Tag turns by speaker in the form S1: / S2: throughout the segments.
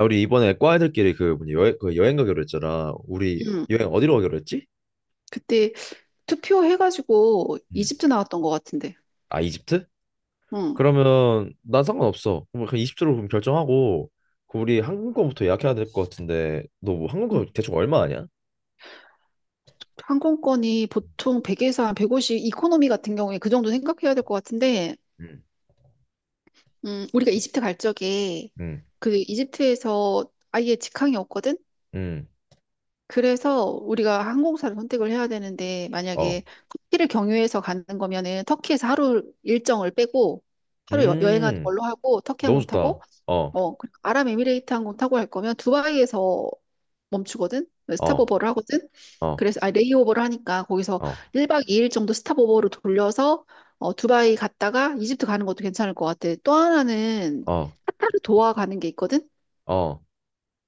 S1: 야, 우리 이번에 과 애들끼리 그 뭐냐 여행 가기로 했잖아. 우리
S2: 응.
S1: 여행 어디로 가기로 했지?
S2: 그때 투표해가지고
S1: 음.
S2: 이집트 나왔던 것 같은데.
S1: 아, 이집트?
S2: 응.
S1: 그러면 난 상관없어. 그럼 그냥 이집트로 그럼 결정하고 그 우리 항공권부터 예약해야 될 것 같은데 너 뭐 항공권
S2: 응.
S1: 대충 얼마 아냐?
S2: 항공권이 보통 100에서 한 150, 이코노미 같은 경우에 그 정도 생각해야 될 것 같은데,
S1: 음.
S2: 우리가 이집트 갈 적에
S1: 음,
S2: 그 이집트에서 아예 직항이 없거든?
S1: 음,
S2: 그래서 우리가 항공사를 선택을 해야 되는데,
S1: 어,
S2: 만약에 터키를 경유해서 가는 거면은 터키에서 하루 일정을 빼고, 하루 행하는
S1: 음,
S2: 걸로 하고, 터키
S1: 너무
S2: 항공
S1: 좋다.
S2: 타고,
S1: 어,
S2: 그 아랍에미레이트 항공 타고 갈 거면 두바이에서 멈추거든?
S1: 어,
S2: 스탑오버를 하거든?
S1: 어,
S2: 그래서, 레이오버를 하니까 거기서
S1: 어,
S2: 1박 2일 정도 스탑오버로 돌려서 두바이 갔다가 이집트 가는 것도 괜찮을 것 같아. 또 하나는
S1: 어,
S2: 카타르 도하 가는 게 있거든?
S1: 어,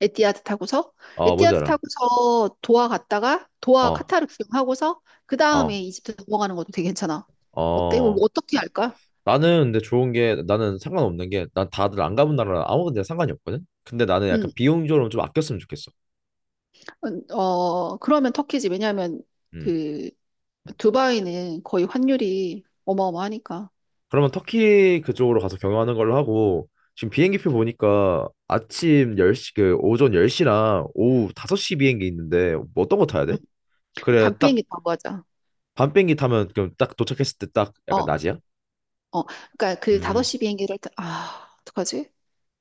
S2: 에티하드 타고서.
S1: 어, 뭔지
S2: 에티하드
S1: 알아?
S2: 타고서 도하 갔다가 도하
S1: 어,
S2: 카타르 구경하고서 그
S1: 어,
S2: 다음에 이집트 넘어가는 것도 되게 괜찮아. 어때? 우리
S1: 어.
S2: 어떻게 할까?
S1: 나는 근데 좋은 게 나는 상관없는 게 난 다들 안 가본 나라 아무 데나 상관이 없거든. 근데 나는
S2: 음,
S1: 약간 비용적으로 좀 아꼈으면 좋겠어.
S2: 그러면 터키지. 왜냐하면
S1: 음.
S2: 그 두바이는 거의 환율이 어마어마하니까.
S1: 그러면 터키 그쪽으로 가서 경유하는 걸로 하고 지금 비행기표 보니까 아침 10시 그 오전 10시랑 오후 5시 비행기 있는데 뭐 어떤 거 타야
S2: 응.
S1: 돼? 그래
S2: 밤
S1: 딱
S2: 비행기 타고 가자.
S1: 밤비행기 타면 그럼 딱 도착했을 때 딱 약간
S2: 어,
S1: 낮이야?
S2: 어. 그러니까 그
S1: 음.
S2: 5시 비행기를 타, 어떡하지?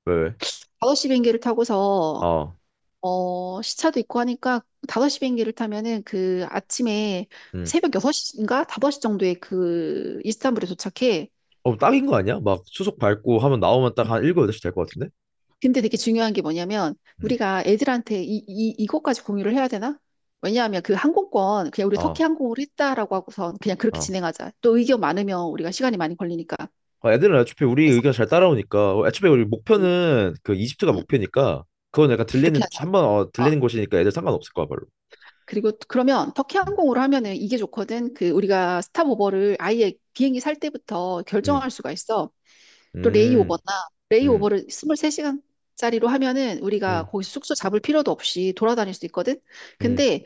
S1: 왜? 왜?
S2: 5시 비행기를 타고서
S1: 어.
S2: 시차도 있고 하니까 5시 비행기를 타면은 그 아침에
S1: 음.
S2: 새벽 6시인가 5시 정도에 그 이스탄불에 도착해.
S1: 어, 딱인 거 아니야? 막 수속 밟고 하면 나오면 딱 한 7, 8시 될 것 같은데?
S2: 근데 되게 중요한 게 뭐냐면
S1: 음.
S2: 우리가 애들한테 이것까지 공유를 해야 되나? 왜냐하면 그 항공권 그냥 우리
S1: 어.
S2: 석희 항공으로 했다라고 하고선 그냥 그렇게
S1: 어.
S2: 진행하자. 또 의견 많으면 우리가 시간이 많이 걸리니까.
S1: 아, 애들은 애초에 우리
S2: 서
S1: 의견 잘 따라오니까 어, 애초에 우리
S2: 음,
S1: 목표는 그 이집트가
S2: 음,
S1: 목표니까 그건 약간 들리는
S2: 그렇게 하자.
S1: 한번
S2: 어,
S1: 들리는 곳이니까 애들 상관없을 거야 별로.
S2: 그리고 그러면 터키
S1: 음,
S2: 항공으로 하면은 이게 좋거든. 그 우리가 스탑오버를 아예 비행기 살 때부터
S1: 음,
S2: 결정할 수가 있어. 또
S1: 음,
S2: 레이오버나
S1: 음,
S2: 레이오버를 23시간짜리로 하면은 우리가
S1: 음.
S2: 거기 숙소 잡을 필요도 없이 돌아다닐 수 있거든.
S1: 음.
S2: 근데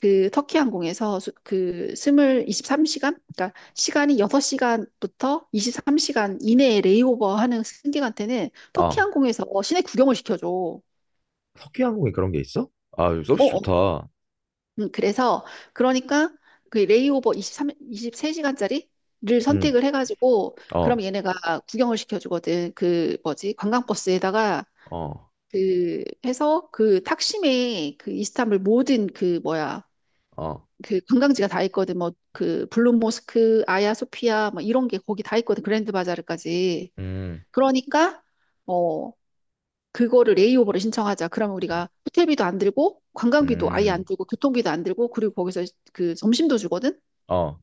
S2: 그 터키 항공에서 스물 23시간 그러니까 시간이 6시간부터 23시간 이내에 레이오버 하는 승객한테는 터키
S1: 아,
S2: 항공에서 시내 구경을 시켜줘. 어,
S1: 석유 항공에 그런 게 있어? 아, 이거 서비스
S2: 어.
S1: 좋다.
S2: 그래서 그러니까 그 레이오버 23십3시간짜리를
S1: 음,
S2: 선택을 해가지고 그럼
S1: 어,
S2: 얘네가 구경을 시켜주거든. 그 뭐지? 관광버스에다가
S1: 어,
S2: 그 해서 그 탁심의 그 이스탄불 모든 그 뭐야
S1: 어,
S2: 그 관광지가 다 있거든. 뭐 그 블루 모스크, 아야 소피아 뭐 이런 게 거기 다 있거든. 그랜드 바자르까지.
S1: 음,
S2: 그러니까 어 그거를 레이오버를 신청하자. 그러면 우리가 호텔비도 안 들고 관광비도 아예 안
S1: 음,
S2: 들고 교통비도 안 들고 그리고 거기서 그 점심도 주거든.
S1: 어,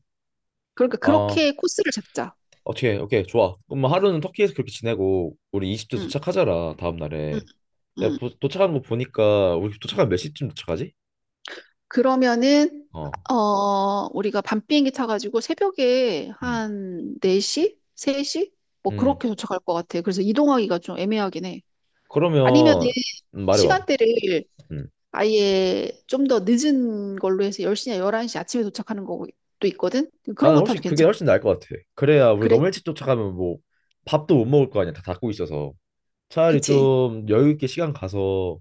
S2: 그러니까
S1: 어.
S2: 그렇게 코스를 잡자.
S1: 어떻게, 오케이, 좋아. 그럼 뭐 하루는 터키에서 그렇게 지내고 우리 이집트
S2: 응,
S1: 도착하잖아 다음
S2: 응,
S1: 날에. 내가
S2: 응.
S1: 도착한 거 보니까 우리 도착하면 몇 시쯤 도착하지?
S2: 그러면은
S1: 어,
S2: 우리가 밤 비행기 타가지고 새벽에
S1: 음,
S2: 한 4시, 3시 뭐
S1: 음.
S2: 그렇게 도착할 것 같아. 그래서 이동하기가 좀 애매하긴 해. 아니면은
S1: 그러면 말해봐.
S2: 시간대를
S1: 음.
S2: 아예 좀 더 늦은 걸로 해서 10시냐 11시 아침에 도착하는 것도 있거든? 그런
S1: 나는
S2: 거 타도
S1: 훨씬 그게
S2: 괜찮,
S1: 훨씬 나을 것 같아. 그래야 우리
S2: 그래?
S1: 너무 일찍 쫓아가면 뭐 밥도 못 먹을 거 아니야. 다 닫고 있어서. 차라리
S2: 그치?
S1: 좀 여유 있게 시간 가서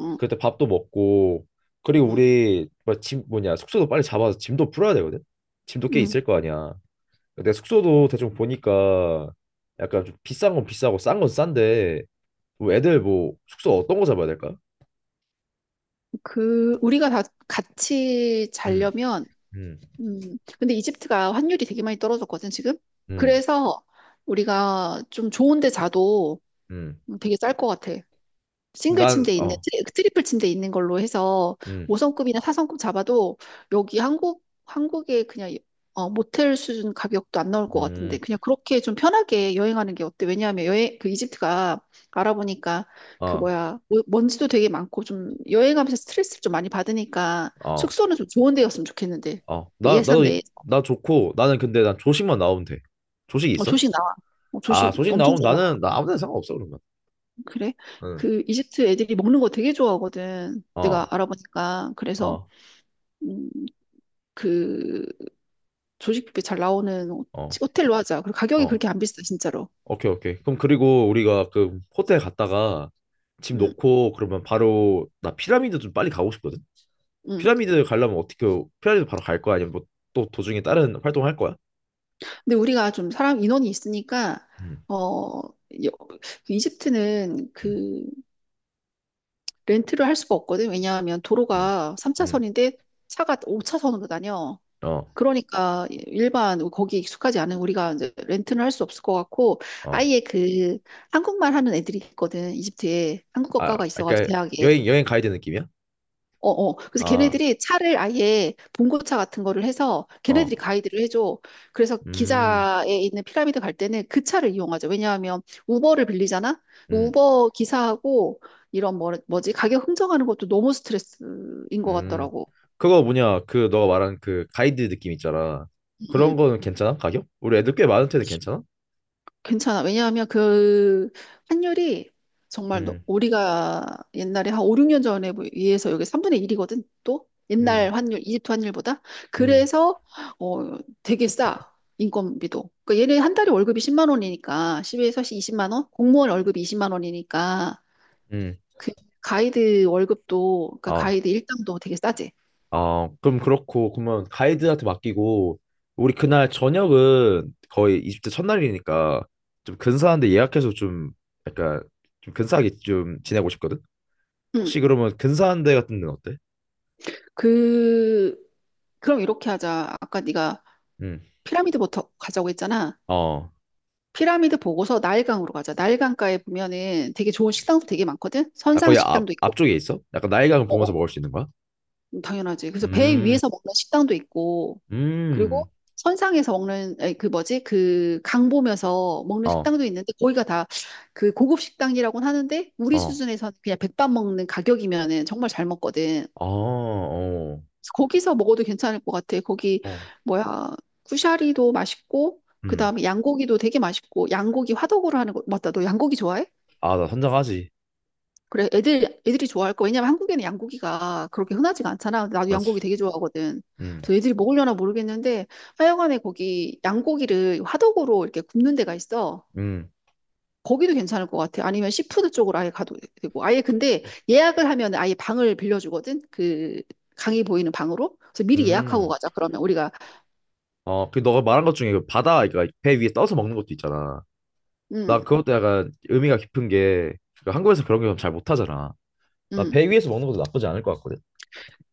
S2: 응,
S1: 그때 밥도 먹고 그리고
S2: 응,
S1: 우리 뭐 짐 뭐냐 숙소도 빨리 잡아서 짐도 풀어야 되거든. 짐도 꽤
S2: 응.
S1: 있을 거 아니야. 근데 숙소도 대충 보니까 약간 좀 비싼 건 비싸고 싼 건 싼데 뭐 애들 뭐 숙소 어떤 거 잡아야 될까?
S2: 그, 우리가 다 같이
S1: 음,
S2: 자려면,
S1: 음,
S2: 근데 이집트가 환율이 되게 많이 떨어졌거든, 지금?
S1: 음,
S2: 그래서 우리가 좀 좋은 데 자도
S1: 음.
S2: 되게 쌀 것 같아. 싱글
S1: 난
S2: 침대 있는
S1: 어,
S2: 트리플 침대 있는 걸로 해서
S1: 음,
S2: 5성급이나 4성급 잡아도 여기 한국에 그냥 모텔 수준 가격도 안 나올 것 같은데
S1: 음,
S2: 그냥 그렇게 좀 편하게 여행하는 게 어때? 왜냐하면 여행 그 이집트가 알아보니까 그
S1: 어.
S2: 뭐야 먼지도 되게 많고 좀 여행하면서 스트레스를 좀 많이 받으니까
S1: 어,
S2: 숙소는 좀 좋은 데였으면 좋겠는데
S1: 어,
S2: 뭐
S1: 나,
S2: 예산
S1: 나도,
S2: 내에.
S1: 나 좋고, 나는 근데 난 조식만 나오면 돼. 조식이 있어?
S2: 조식 나와.
S1: 아,
S2: 조식
S1: 조식
S2: 엄청
S1: 나오면
S2: 잘 나와.
S1: 나 아무 데나 상관없어, 그러면.
S2: 그래.
S1: 응.
S2: 그 이집트 애들이 먹는 거 되게 좋아하거든 내가
S1: 어,
S2: 알아보니까. 그래서
S1: 어,
S2: 음, 그 조식뷔페 잘 나오는
S1: 어,
S2: 호텔로 하자. 그리고 가격이
S1: 어.
S2: 그렇게 안 비싸, 진짜로.
S1: 오케이, 오케이. 그럼 그리고 우리가 그 호텔 갔다가 짐
S2: 음.
S1: 놓고 그러면 바로, 나 피라미드 좀 빨리 가고 싶거든?
S2: 음.
S1: 피라미드 가려면 어떻게, 피라미드 바로 갈 거야? 아니면 뭐 또 도중에 다른 활동 할 거야?
S2: 근데 우리가 좀 사람 인원이 있으니까
S1: 음,
S2: 어 여- 그 이집트는
S1: 음,
S2: 그 렌트를 할 수가 없거든. 왜냐하면
S1: 음,
S2: 도로가
S1: 음.
S2: 3차선인데 차가 5차선으로 다녀.
S1: 어,
S2: 그러니까 일반 거기 익숙하지 않은 우리가 이제 렌트는 할 수 없을 것 같고
S1: 어.
S2: 아예 그 한국말 하는 애들이 있거든. 이집트에
S1: 아,
S2: 한국어과가 있어가지고
S1: 그러니까
S2: 대학에.
S1: 여행 가야 되는 느낌이야?
S2: 어, 어. 그래서
S1: 아,
S2: 걔네들이 차를 아예 봉고차 같은 거를 해서 걔네들이
S1: 어,
S2: 가이드를 해줘. 그래서
S1: 음,
S2: 기자에 있는 피라미드 갈 때는 그 차를 이용하죠. 왜냐하면 우버를 빌리잖아?
S1: 음.
S2: 우버 기사하고 이런 뭐, 뭐지? 가격 흥정하는 것도 너무 스트레스인 것
S1: 음,
S2: 같더라고.
S1: 그거 뭐냐, 그 너가 말한 그 가이드 느낌 있잖아. 그런 거는 괜찮아? 가격? 우리 애들 꽤 많은데도 괜찮아?
S2: 괜찮아. 왜냐하면 그 환율이 정말
S1: 음,
S2: 우리가 옛날에 한 5, 6년 전에 비해서 여기 3분의 1이거든. 또
S1: 음,
S2: 옛날 환율, 이집트 환율보다.
S1: 음,
S2: 그래서 되게 싸. 인건비도. 그러니까 얘네 한 달에 월급이 10만 원이니까 10에서 20만 원? 공무원 월급이 20만 원이니까
S1: 음.
S2: 그 가이드 월급도 그러니까
S1: 아,
S2: 가이드 일당도 되게 싸지.
S1: 아, 그럼 그렇고, 그러면 가이드한테 맡기고, 우리 그날 저녁은 거의 20대 첫날이니까 좀 근사한데 예약해서 좀 약간 좀 근사하게 좀 지내고 싶거든? 혹시
S2: 응.
S1: 그러면 근사한 데 같은 데는 어때?
S2: 그 그럼 이렇게 하자. 아까 네가
S1: 음,
S2: 피라미드부터 가자고 했잖아.
S1: 어,
S2: 피라미드 보고서 나일강으로 가자. 나일강가에 보면은 되게 좋은 식당도 되게 많거든?
S1: 나
S2: 선상
S1: 거의 앞,
S2: 식당도 있고,
S1: 앞쪽에 있어? 약간 나이가
S2: 어, 어,
S1: 보면서 먹을 수 있는 거야?
S2: 당연하지. 그래서 배
S1: 음,
S2: 위에서 먹는 식당도 있고,
S1: 음.
S2: 그리고 선상에서 먹는, 아니, 그 뭐지? 그 강 보면서 먹는
S1: 어,
S2: 식당도 있는데, 거기가 다 그 고급 식당이라고는 하는데, 우리
S1: 어.
S2: 수준에서는 그냥 백반 먹는 가격이면은 정말 잘 먹거든.
S1: 아, 어.
S2: 거기서 먹어도 괜찮을 것 같아. 거기,
S1: 어.
S2: 뭐야, 쿠샤리도 맛있고, 그
S1: 음.
S2: 다음에 양고기도 되게 맛있고, 양고기 화덕으로 하는 거, 맞다. 너 양고기 좋아해?
S1: 아, 나 선장하지.
S2: 그래, 애들이 좋아할 거. 왜냐면 한국에는 양고기가 그렇게 흔하지가 않잖아. 나도 양고기
S1: 맞지.
S2: 되게 좋아하거든.
S1: 음.
S2: 그래서 애들이 먹으려나 모르겠는데, 하여간에 거기 양고기를 화덕으로 이렇게 굽는 데가 있어.
S1: 음.
S2: 거기도 괜찮을 것 같아. 아니면 시푸드 쪽으로 아예 가도 되고. 아예 근데 예약을 하면 아예 방을 빌려주거든. 그 강이 보이는 방으로. 그래서 미리 예약하고
S1: 음.
S2: 가자. 그러면 우리가,
S1: 어, 그 너가 말한 것 중에 그 바다 그러니까 배 위에 떠서 먹는 것도 있잖아.
S2: 음,
S1: 나 그것도 약간 의미가 깊은 게 그 한국에서 그런 게 잘 못하잖아. 나
S2: 음.
S1: 배 위에서 먹는 것도 나쁘지 않을 것 같거든.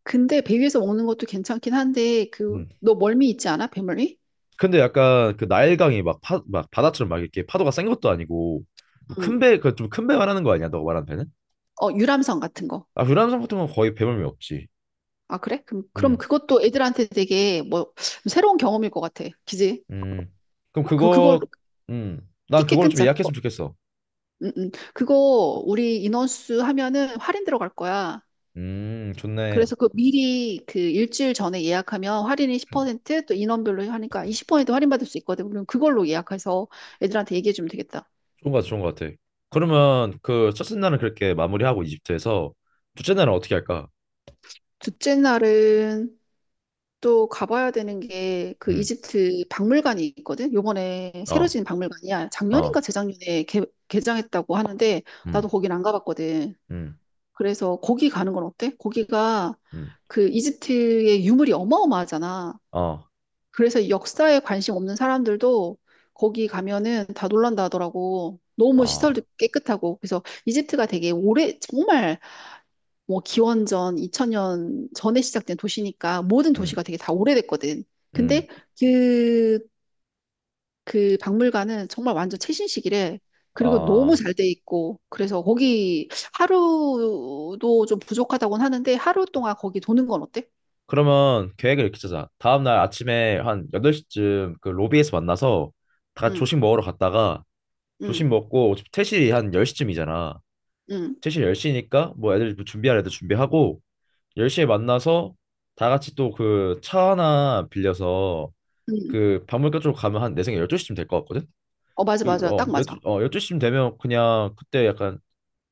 S2: 근데 배 위에서 먹는 것도 괜찮긴 한데, 그,
S1: 음.
S2: 너 멀미 있지 않아? 배멀미?
S1: 근데 약간 그 나일강이 막, 막 바다처럼 막 이렇게 파도가 센 것도 아니고 뭐 큰
S2: 음.
S1: 배, 그 좀 큰 배 말하는 거 아니야? 너가 말한 배는?
S2: 어, 유람선 같은 거.
S1: 아, 유람선 같은 건 거의 배멀미 없지.
S2: 아, 그래? 그럼,
S1: 음.
S2: 그것도 애들한테 되게 뭐 새로운 경험일 것 같아. 그지?
S1: 음. 그럼
S2: 어, 그럼 그걸로.
S1: 그거 음. 난
S2: 티켓
S1: 그걸로 좀
S2: 끊자.
S1: 예약했으면
S2: 그거.
S1: 좋겠어.
S2: 음. 음. 그거 우리 인원수 하면은 할인 들어갈 거야.
S1: 좋네.
S2: 그래서 그 미리 그 일주일 전에 예약하면 할인이 10% 또 인원별로 하니까 20% 할인받을 수 있거든. 그럼 그걸로 예약해서 애들한테 얘기해 주면 되겠다.
S1: 좋은 거 같아, 좋은 거 같아. 그러면 그 첫째 날은 그렇게 마무리하고 이집트에서 둘째 날은 어떻게 할까?
S2: 둘째 날은 또 가봐야 되는 게 그
S1: 음.
S2: 이집트 박물관이 있거든. 요번에 새로
S1: 어.
S2: 지은 박물관이야. 작년인가
S1: 어.
S2: 재작년에 개장했다고 하는데 나도
S1: 음.
S2: 거긴 안 가봤거든.
S1: 음.
S2: 그래서 거기 가는 건 어때? 거기가
S1: 음.
S2: 그 이집트의 유물이 어마어마하잖아.
S1: 어.
S2: 그래서 역사에 관심 없는 사람들도 거기 가면은 다 놀란다 하더라고. 너무
S1: 어.
S2: 시설도 깨끗하고. 그래서 이집트가 되게 오래, 정말 뭐 기원전 2000년 전에 시작된 도시니까 모든
S1: 음.
S2: 도시가 되게 다 오래됐거든.
S1: 음.
S2: 근데 그, 그 박물관은 정말 완전 최신식이래. 그리고
S1: 어.
S2: 너무 잘 돼 있고, 그래서 거기 하루도 좀 부족하다고는 하는데, 하루 동안 거기 도는 건 어때?
S1: 그러면 계획을 이렇게 짜자. 다음 날 아침에 한 8시쯤 그 로비에서 만나서 다 같이
S2: 응,
S1: 조식 먹으러 갔다가
S2: 응,
S1: 조식 먹고 어차피 퇴실이 한 10시쯤이잖아.
S2: 응,
S1: 최신 10시니까 뭐 애들 뭐 준비할 애들 준비하고 10시에 만나서 다 같이 또 그 차 하나 빌려서
S2: 응.
S1: 그 박물관 쪽으로 가면 한 내 생각에 12시쯤 될 것 같거든?
S2: 어, 맞아, 맞아. 딱 맞아.
S1: 12시쯤 되면 그냥 그때 약간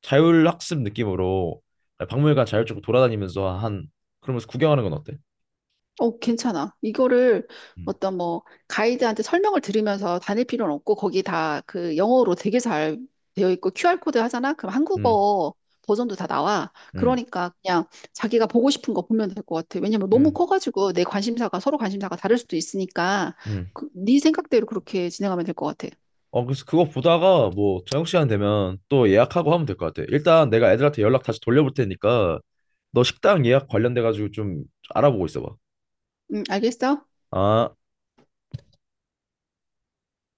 S1: 자율학습 느낌으로 박물관 자율적으로 돌아다니면서 한 그러면서 구경하는 건 어때?
S2: 어, 괜찮아. 이거를
S1: 음,
S2: 어떤 뭐 가이드한테 설명을 들으면서 다닐 필요는 없고 거기 다 그 영어로 되게 잘 되어 있고 QR코드 하잖아? 그럼
S1: 음,
S2: 한국어 버전도 다 나와.
S1: 음,
S2: 그러니까 그냥 자기가 보고 싶은 거 보면 될 것 같아. 왜냐면 너무
S1: 음.
S2: 커가지고 내 관심사가 서로 관심사가 다를 수도 있으니까
S1: 음.
S2: 그, 네 생각대로 그렇게 진행하면 될 것 같아.
S1: 어, 그래서 그거 보다가 뭐 저녁 시간 되면 또 예약하고 하면 될 것 같아. 일단 내가 애들한테 연락 다시 돌려볼 테니까 너 식당 예약 관련돼 가지고 좀 알아보고 있어 봐.
S2: 알겠어?
S1: 아,